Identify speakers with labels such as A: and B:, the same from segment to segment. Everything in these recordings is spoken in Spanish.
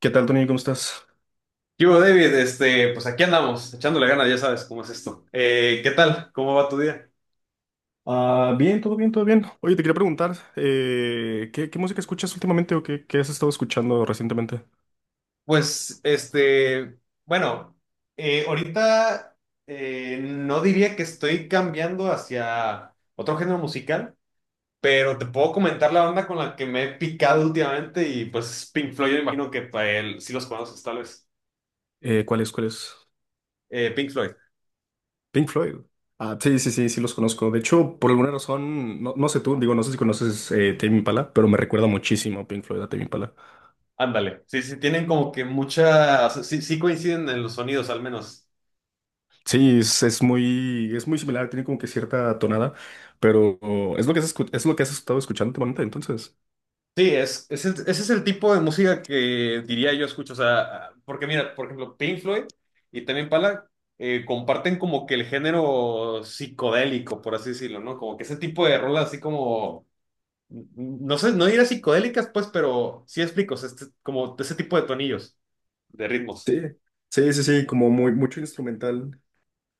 A: ¿Qué tal, Tony? ¿Cómo estás?
B: ¿Qué hubo, David? Pues aquí andamos, echándole ganas, ya sabes cómo es esto. ¿Qué tal? ¿Cómo va tu día?
A: Ah, bien, todo bien, todo bien. Oye, te quería preguntar, ¿qué música escuchas últimamente o qué has estado escuchando recientemente?
B: Pues, este, bueno, ahorita no diría que estoy cambiando hacia otro género musical, pero te puedo comentar la banda con la que me he picado últimamente y pues Pink Floyd, yo imagino que para él sí los conoces tal vez.
A: ¿Cuál es?
B: Pink Floyd,
A: Pink Floyd. Ah, sí, sí, sí, sí los conozco. De hecho, por alguna razón, no sé tú, digo, no sé si conoces Tame Impala, pero me recuerda muchísimo a Pink Floyd, a Tame Impala.
B: ándale. Sí, sí, tienen como que mucha, sí, sí coinciden en los sonidos al menos.
A: Sí, es muy, es muy similar, tiene como que cierta tonada, pero oh, es lo que has, es lo que has estado escuchando últimamente, entonces.
B: Sí, es ese es el tipo de música que diría yo escucho. O sea, porque mira, por ejemplo, Pink Floyd y también Pala comparten como que el género psicodélico, por así decirlo, ¿no? Como que ese tipo de rolas así como, no sé, no diría psicodélicas, pues, pero sí explico, o sea, como ese tipo de tonillos, de ritmos.
A: Sí, sí, sí, sí, como muy, mucho instrumental.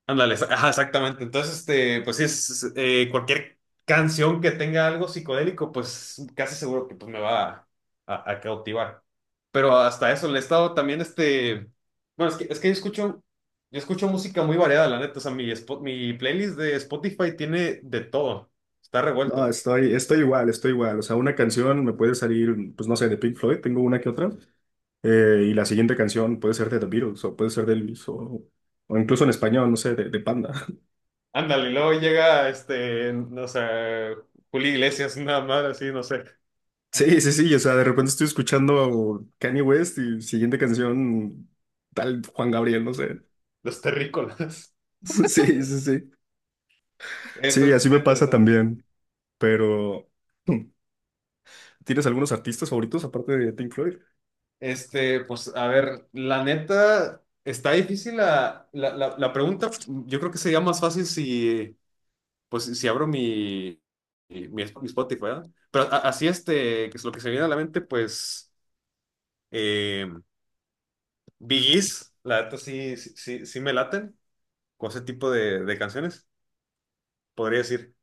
B: Ándale, ajá, exactamente. Entonces, pues sí, cualquier canción que tenga algo psicodélico, pues casi seguro que pues, me va a cautivar. Pero hasta eso, le he estado también, bueno, es que yo escucho música muy variada, la neta. O sea, mi playlist de Spotify tiene de todo, está
A: No,
B: revuelto.
A: estoy igual, estoy igual. O sea, una canción me puede salir, pues no sé, de Pink Floyd, tengo una que otra. Y la siguiente canción puede ser de The Beatles o puede ser de Elvis o incluso en español, no sé, de Panda.
B: Ándale, y luego llega, no sé, Julio Iglesias, nada más, así, no sé,
A: Sí, sí, sí. O sea, de repente estoy escuchando Kanye West y siguiente canción tal Juan Gabriel, no sé.
B: los terrícolas.
A: Sí, sí, sí.
B: Está,
A: Sí, así
B: está
A: me pasa
B: interesante.
A: también. Pero, hmm, ¿tienes algunos artistas favoritos aparte de Pink Floyd?
B: Pues a ver, la neta, está difícil la pregunta. Yo creo que sería más fácil si, pues, si abro mi Spotify, ¿verdad? Pero así, que es lo que se viene a la mente, pues, eh, Bee Gees, la neta sí me laten con ese tipo de canciones, podría decir.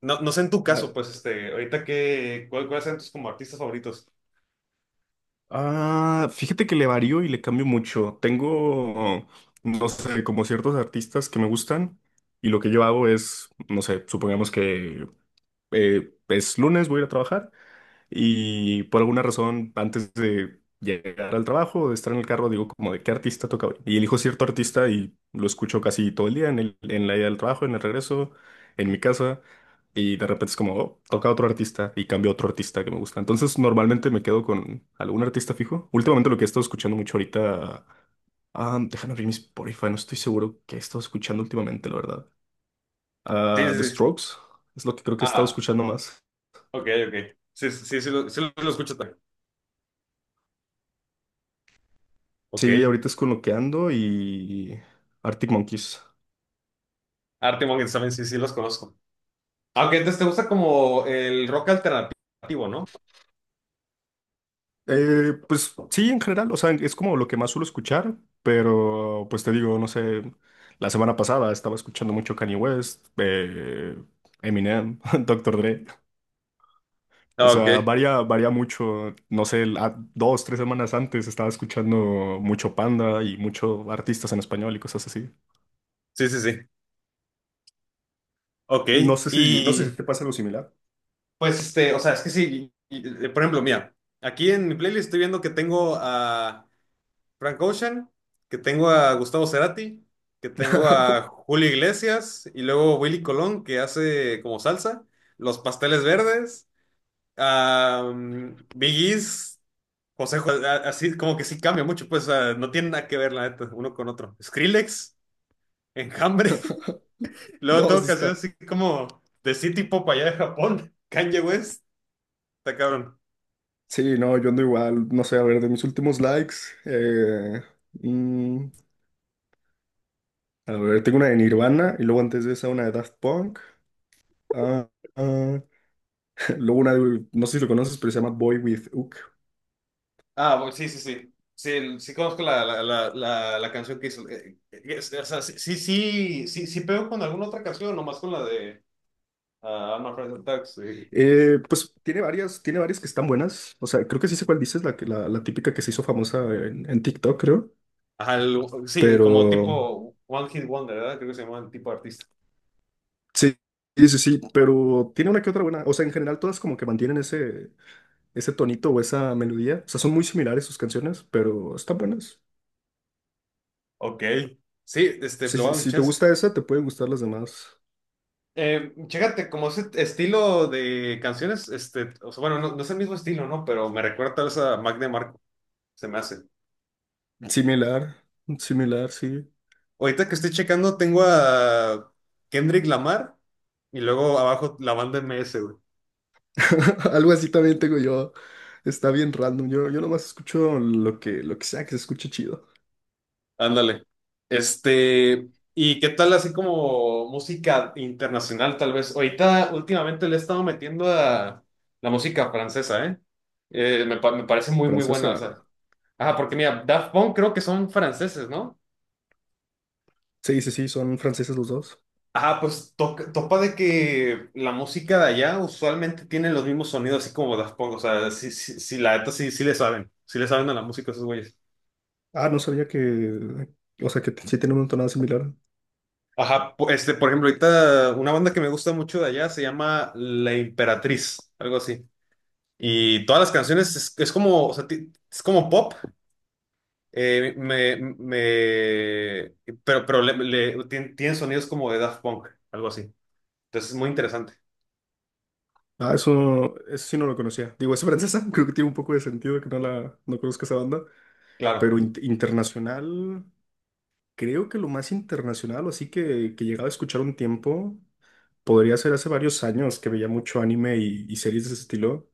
B: No, no sé en tu
A: Ah,
B: caso, pues, ahorita que, ¿cuáles son tus como artistas favoritos?
A: Ah, fíjate que le varío y le cambio mucho. Tengo, no sé, como ciertos artistas que me gustan y lo que yo hago es, no sé, supongamos que es lunes, voy a ir a trabajar y por alguna razón, antes de llegar al trabajo, de estar en el carro, digo como de qué artista toca hoy. Y elijo cierto artista y lo escucho casi todo el día en en la ida del trabajo, en el regreso, en mi casa. Y de repente es como, oh, toca otro artista y cambio a otro artista que me gusta. Entonces normalmente me quedo con algún artista fijo. Últimamente lo que he estado escuchando mucho ahorita, ah, déjame abrir mi Spotify, no estoy seguro qué he estado escuchando últimamente, la verdad.
B: Sí,
A: Ah, The
B: sí, sí.
A: Strokes es lo que creo que he estado
B: Ah,
A: escuchando más.
B: ok, ok. Sí, sí, sí, sí lo escucho también. Ok.
A: Sí, ahorita es con lo que ando y Arctic Monkeys.
B: Arctic Monkeys también, sí, sí los conozco. Aunque entonces te gusta como el rock alternativo, ¿no?
A: Pues sí, en general, o sea, es como lo que más suelo escuchar, pero pues te digo, no sé, la semana pasada estaba escuchando mucho Kanye West, Eminem, Doctor Dre, o
B: Ah, ok,
A: sea, varía, varía mucho, no sé, dos, tres semanas antes estaba escuchando mucho Panda y mucho artistas en español y cosas así.
B: sí, sí, sí. Ok,
A: No sé si, no sé si
B: y
A: te pasa algo similar.
B: pues o sea, es que sí, por ejemplo, mira, aquí en mi playlist estoy viendo que tengo a Frank Ocean, que tengo a Gustavo Cerati, que tengo a Julio Iglesias y luego Willy Colón, que hace como salsa, Los Pasteles Verdes. Biggie's, José, así como que sí cambia mucho, pues o sea, no tiene nada que ver, la neta, uno con otro. Skrillex, Enjambre, luego
A: No,
B: todo
A: sí
B: casi
A: está.
B: así como de City Pop allá de Japón, Kanye West, está cabrón.
A: Sí, no, yo ando igual, no sé, a ver, de mis últimos likes, eh, mm, a ver, tengo una de Nirvana y luego antes de esa una de Daft Punk, ah, ah, luego una de, no sé si lo conoces, pero se llama Boy With Hook.
B: Ah, bueno, sí, sí, sí. Sí, sí conozco la canción que hizo. O sea, sí, sí, sí, sí, sí pego con alguna otra canción, nomás con la de ah, I'm Afraid of Dogs, sí.
A: Pues tiene varias que están buenas, o sea, creo que sí sé cuál dices, la, la, la típica que se hizo famosa en TikTok, creo,
B: Ajá, sí, como
A: pero
B: tipo One Hit Wonder, ¿verdad? Creo que se llama el tipo de artista.
A: sí, sí, sí, sí, pero tiene una que otra buena, o sea, en general todas como que mantienen ese, ese tonito o esa melodía, o sea, son muy similares sus canciones, pero están buenas.
B: Ok. Sí,
A: Si,
B: lo voy a
A: si
B: dar un
A: si te
B: chance.
A: gusta esa, te pueden gustar las demás.
B: Chécate, como ese estilo de canciones, o sea, bueno, no, no es el mismo estilo, ¿no? Pero me recuerda tal vez a Mac DeMarco, se me hace.
A: Similar, similar, sí.
B: Ahorita que estoy checando, tengo a Kendrick Lamar y luego abajo la banda M S güey.
A: Algo así también tengo yo. Está bien random. Yo nomás escucho lo que sea que se escuche chido.
B: Ándale. Este, ¿Y qué tal así como música internacional, tal vez? Ahorita, últimamente le he estado metiendo a la música francesa, ¿eh? Me parece muy, muy buena, o
A: Francesa.
B: sea. Ajá, porque mira, Daft Punk creo que son franceses, ¿no?
A: Sí, sí, sí, son franceses los dos.
B: Ajá, pues topa de que la música de allá usualmente tiene los mismos sonidos, así como Daft Punk. O sea, sí, sí, sí, la neta sí, sí le saben. Sí le saben a la música esos güeyes.
A: Ah, no sabía que. O sea, que sí tienen una tonada similar.
B: Ajá, por ejemplo, ahorita una banda que me gusta mucho de allá se llama La Imperatriz, algo así. Y todas las canciones es como, o sea, es como pop, eh, me, me, pero, tienen sonidos como de Daft Punk, algo así. Entonces es muy interesante.
A: Ah, eso sí no lo conocía. Digo, es francesa. Creo que tiene un poco de sentido que no la no conozca esa banda.
B: Claro.
A: Pero internacional. Creo que lo más internacional, o así que llegaba a escuchar un tiempo. Podría ser hace varios años que veía mucho anime y series de ese estilo.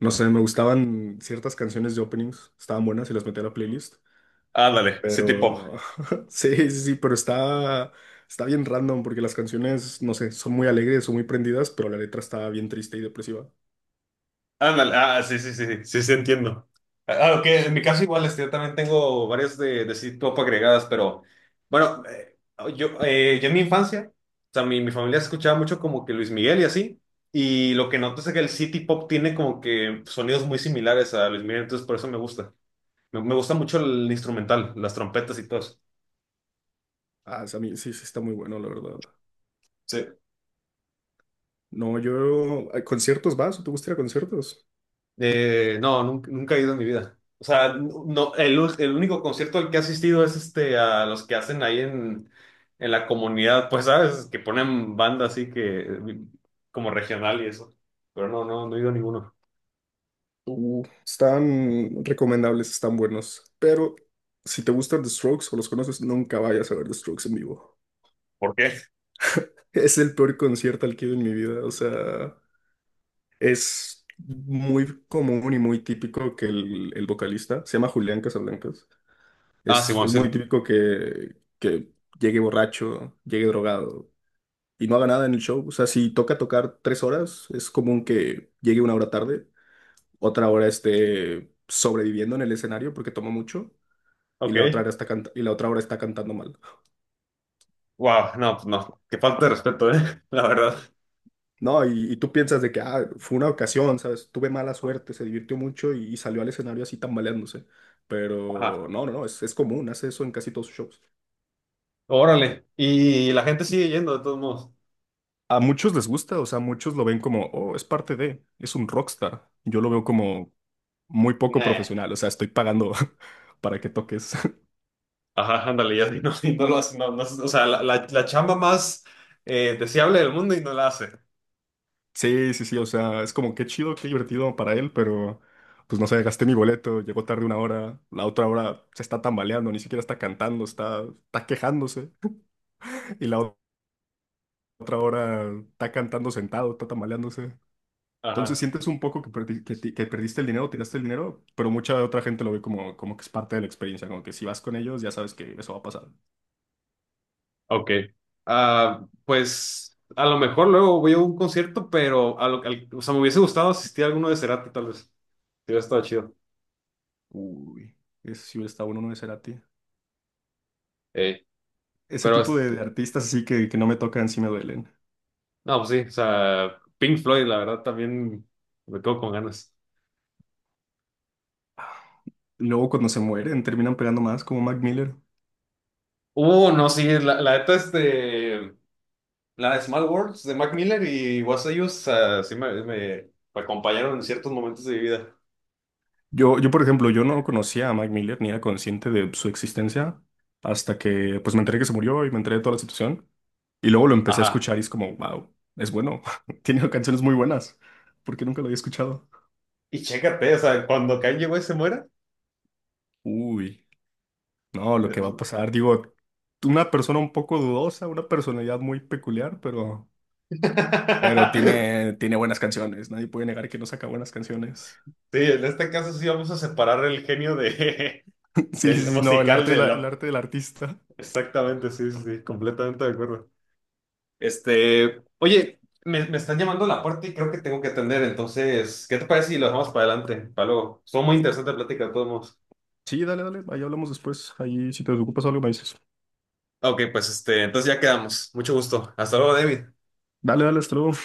A: No sé, me gustaban ciertas canciones de openings, estaban buenas y las metí a la playlist.
B: Ándale, City Pop.
A: Pero sí, sí, sí, pero está, está bien random porque las canciones, no sé, son muy alegres, son muy prendidas, pero la letra está bien triste y depresiva.
B: Ándale, ah, sí, sí, sí, sí, sí, sí, entiendo. Ah, ok, en mi caso igual, yo también tengo varias de City Pop agregadas, pero bueno, yo en mi infancia, o sea, mi familia escuchaba mucho como que Luis Miguel y así, y lo que noto es que el City Pop tiene como que sonidos muy similares a Luis Miguel, entonces por eso me gusta. Me gusta mucho el instrumental, las trompetas y todo
A: Ah, o sea, a mí sí, sí está muy bueno, la verdad.
B: eso.
A: No, yo, ¿a conciertos vas? ¿O ¿te gusta ir a conciertos?
B: No, nunca, nunca he ido en mi vida. O sea, no, el único concierto al que he asistido es este a los que hacen ahí en la comunidad, pues, ¿sabes? Que ponen banda así que como regional y eso. Pero no, no, no he ido a ninguno.
A: Están recomendables, están buenos, pero si te gustan The Strokes o los conoces, nunca vayas a ver The Strokes en vivo.
B: ¿Por qué?
A: Es el peor concierto al que he ido en mi vida. O sea, es muy común y muy típico que el vocalista, se llama Julián Casablancas,
B: Ah, Simón,
A: es
B: sí.
A: muy típico que llegue borracho, llegue drogado y no haga nada en el show. O sea, si toca tocar tres horas, es común que llegue una hora tarde, otra hora esté sobreviviendo en el escenario porque toma mucho y la otra
B: Ok.
A: hora está cantando mal.
B: Wow, no, pues no. Qué falta de respeto, ¿eh? La verdad.
A: No, y tú piensas de que ah, fue una ocasión, ¿sabes? Tuve mala suerte, se divirtió mucho y salió al escenario así tambaleándose. Pero
B: Ajá.
A: no, no, no, es común, hace eso en casi todos sus shows.
B: Órale. Y la gente sigue yendo, de todos modos.
A: A muchos les gusta, o sea, muchos lo ven como, oh, es parte de, es un rockstar. Yo lo veo como muy poco
B: Nah.
A: profesional, o sea, estoy pagando para que toques.
B: Ajá, ándale, ya y no lo hace, no, no, o sea, la chamba más deseable del mundo y no la hace.
A: Sí, sí, sí, o sea, es como qué chido, qué divertido para él, pero pues no sé, gasté mi boleto, llegó tarde una hora, la otra hora se está tambaleando, ni siquiera está cantando, está, está quejándose. Y la otra hora está cantando sentado, está tamaleándose. Entonces
B: Ajá,
A: sientes un poco que, que perdiste el dinero, tiraste el dinero, pero mucha otra gente lo ve como, como que es parte de la experiencia, como que si vas con ellos ya sabes que eso va a pasar.
B: ok. Ah, pues a lo mejor luego voy a un concierto, pero o sea, me hubiese gustado asistir a alguno de Cerati, tal vez. Sí, hubiera estado chido.
A: Uy, ese sí hubiera estado bueno no de Cerati.
B: Eh,
A: Ese
B: pero
A: tipo de artistas así que no me tocan, sí me duelen.
B: no, pues sí, o sea, Pink Floyd, la verdad, también me quedo con ganas.
A: Luego cuando se mueren terminan pegando más como Mac Miller.
B: No, sí, la neta, la de Small Worlds de Mac Miller y Was I Us, ah, sí me acompañaron en ciertos momentos de mi vida.
A: Por ejemplo, yo no conocía a Mac Miller ni era consciente de su existencia hasta que pues me enteré que se murió y me enteré de toda la situación. Y luego lo empecé a
B: Ajá.
A: escuchar y es como, wow, es bueno, tiene canciones muy buenas. ¿Por qué nunca lo había escuchado?
B: Y chécate, o sea, cuando Kanye West se muera.
A: Uy, no, lo que va a pasar, digo, una persona un poco dudosa, una personalidad muy peculiar, pero tiene, tiene buenas canciones, nadie puede negar que no saca buenas canciones.
B: Sí, en este caso sí vamos a separar el genio de,
A: Sí,
B: del
A: sí, sí, no, el
B: musical
A: arte,
B: de
A: el
B: la...
A: arte del artista.
B: Exactamente, sí, sí, sí, completamente de acuerdo. Oye, me están llamando a la puerta y creo que tengo que atender, entonces, ¿qué te parece si lo dejamos para adelante, para luego? Estuvo muy interesante la plática de todos modos.
A: Sí, dale, dale, ahí hablamos después, ahí si te ocupas algo me dices.
B: Ok, pues entonces ya quedamos. Mucho gusto. Hasta luego, David.
A: Dale, dale, hasta luego.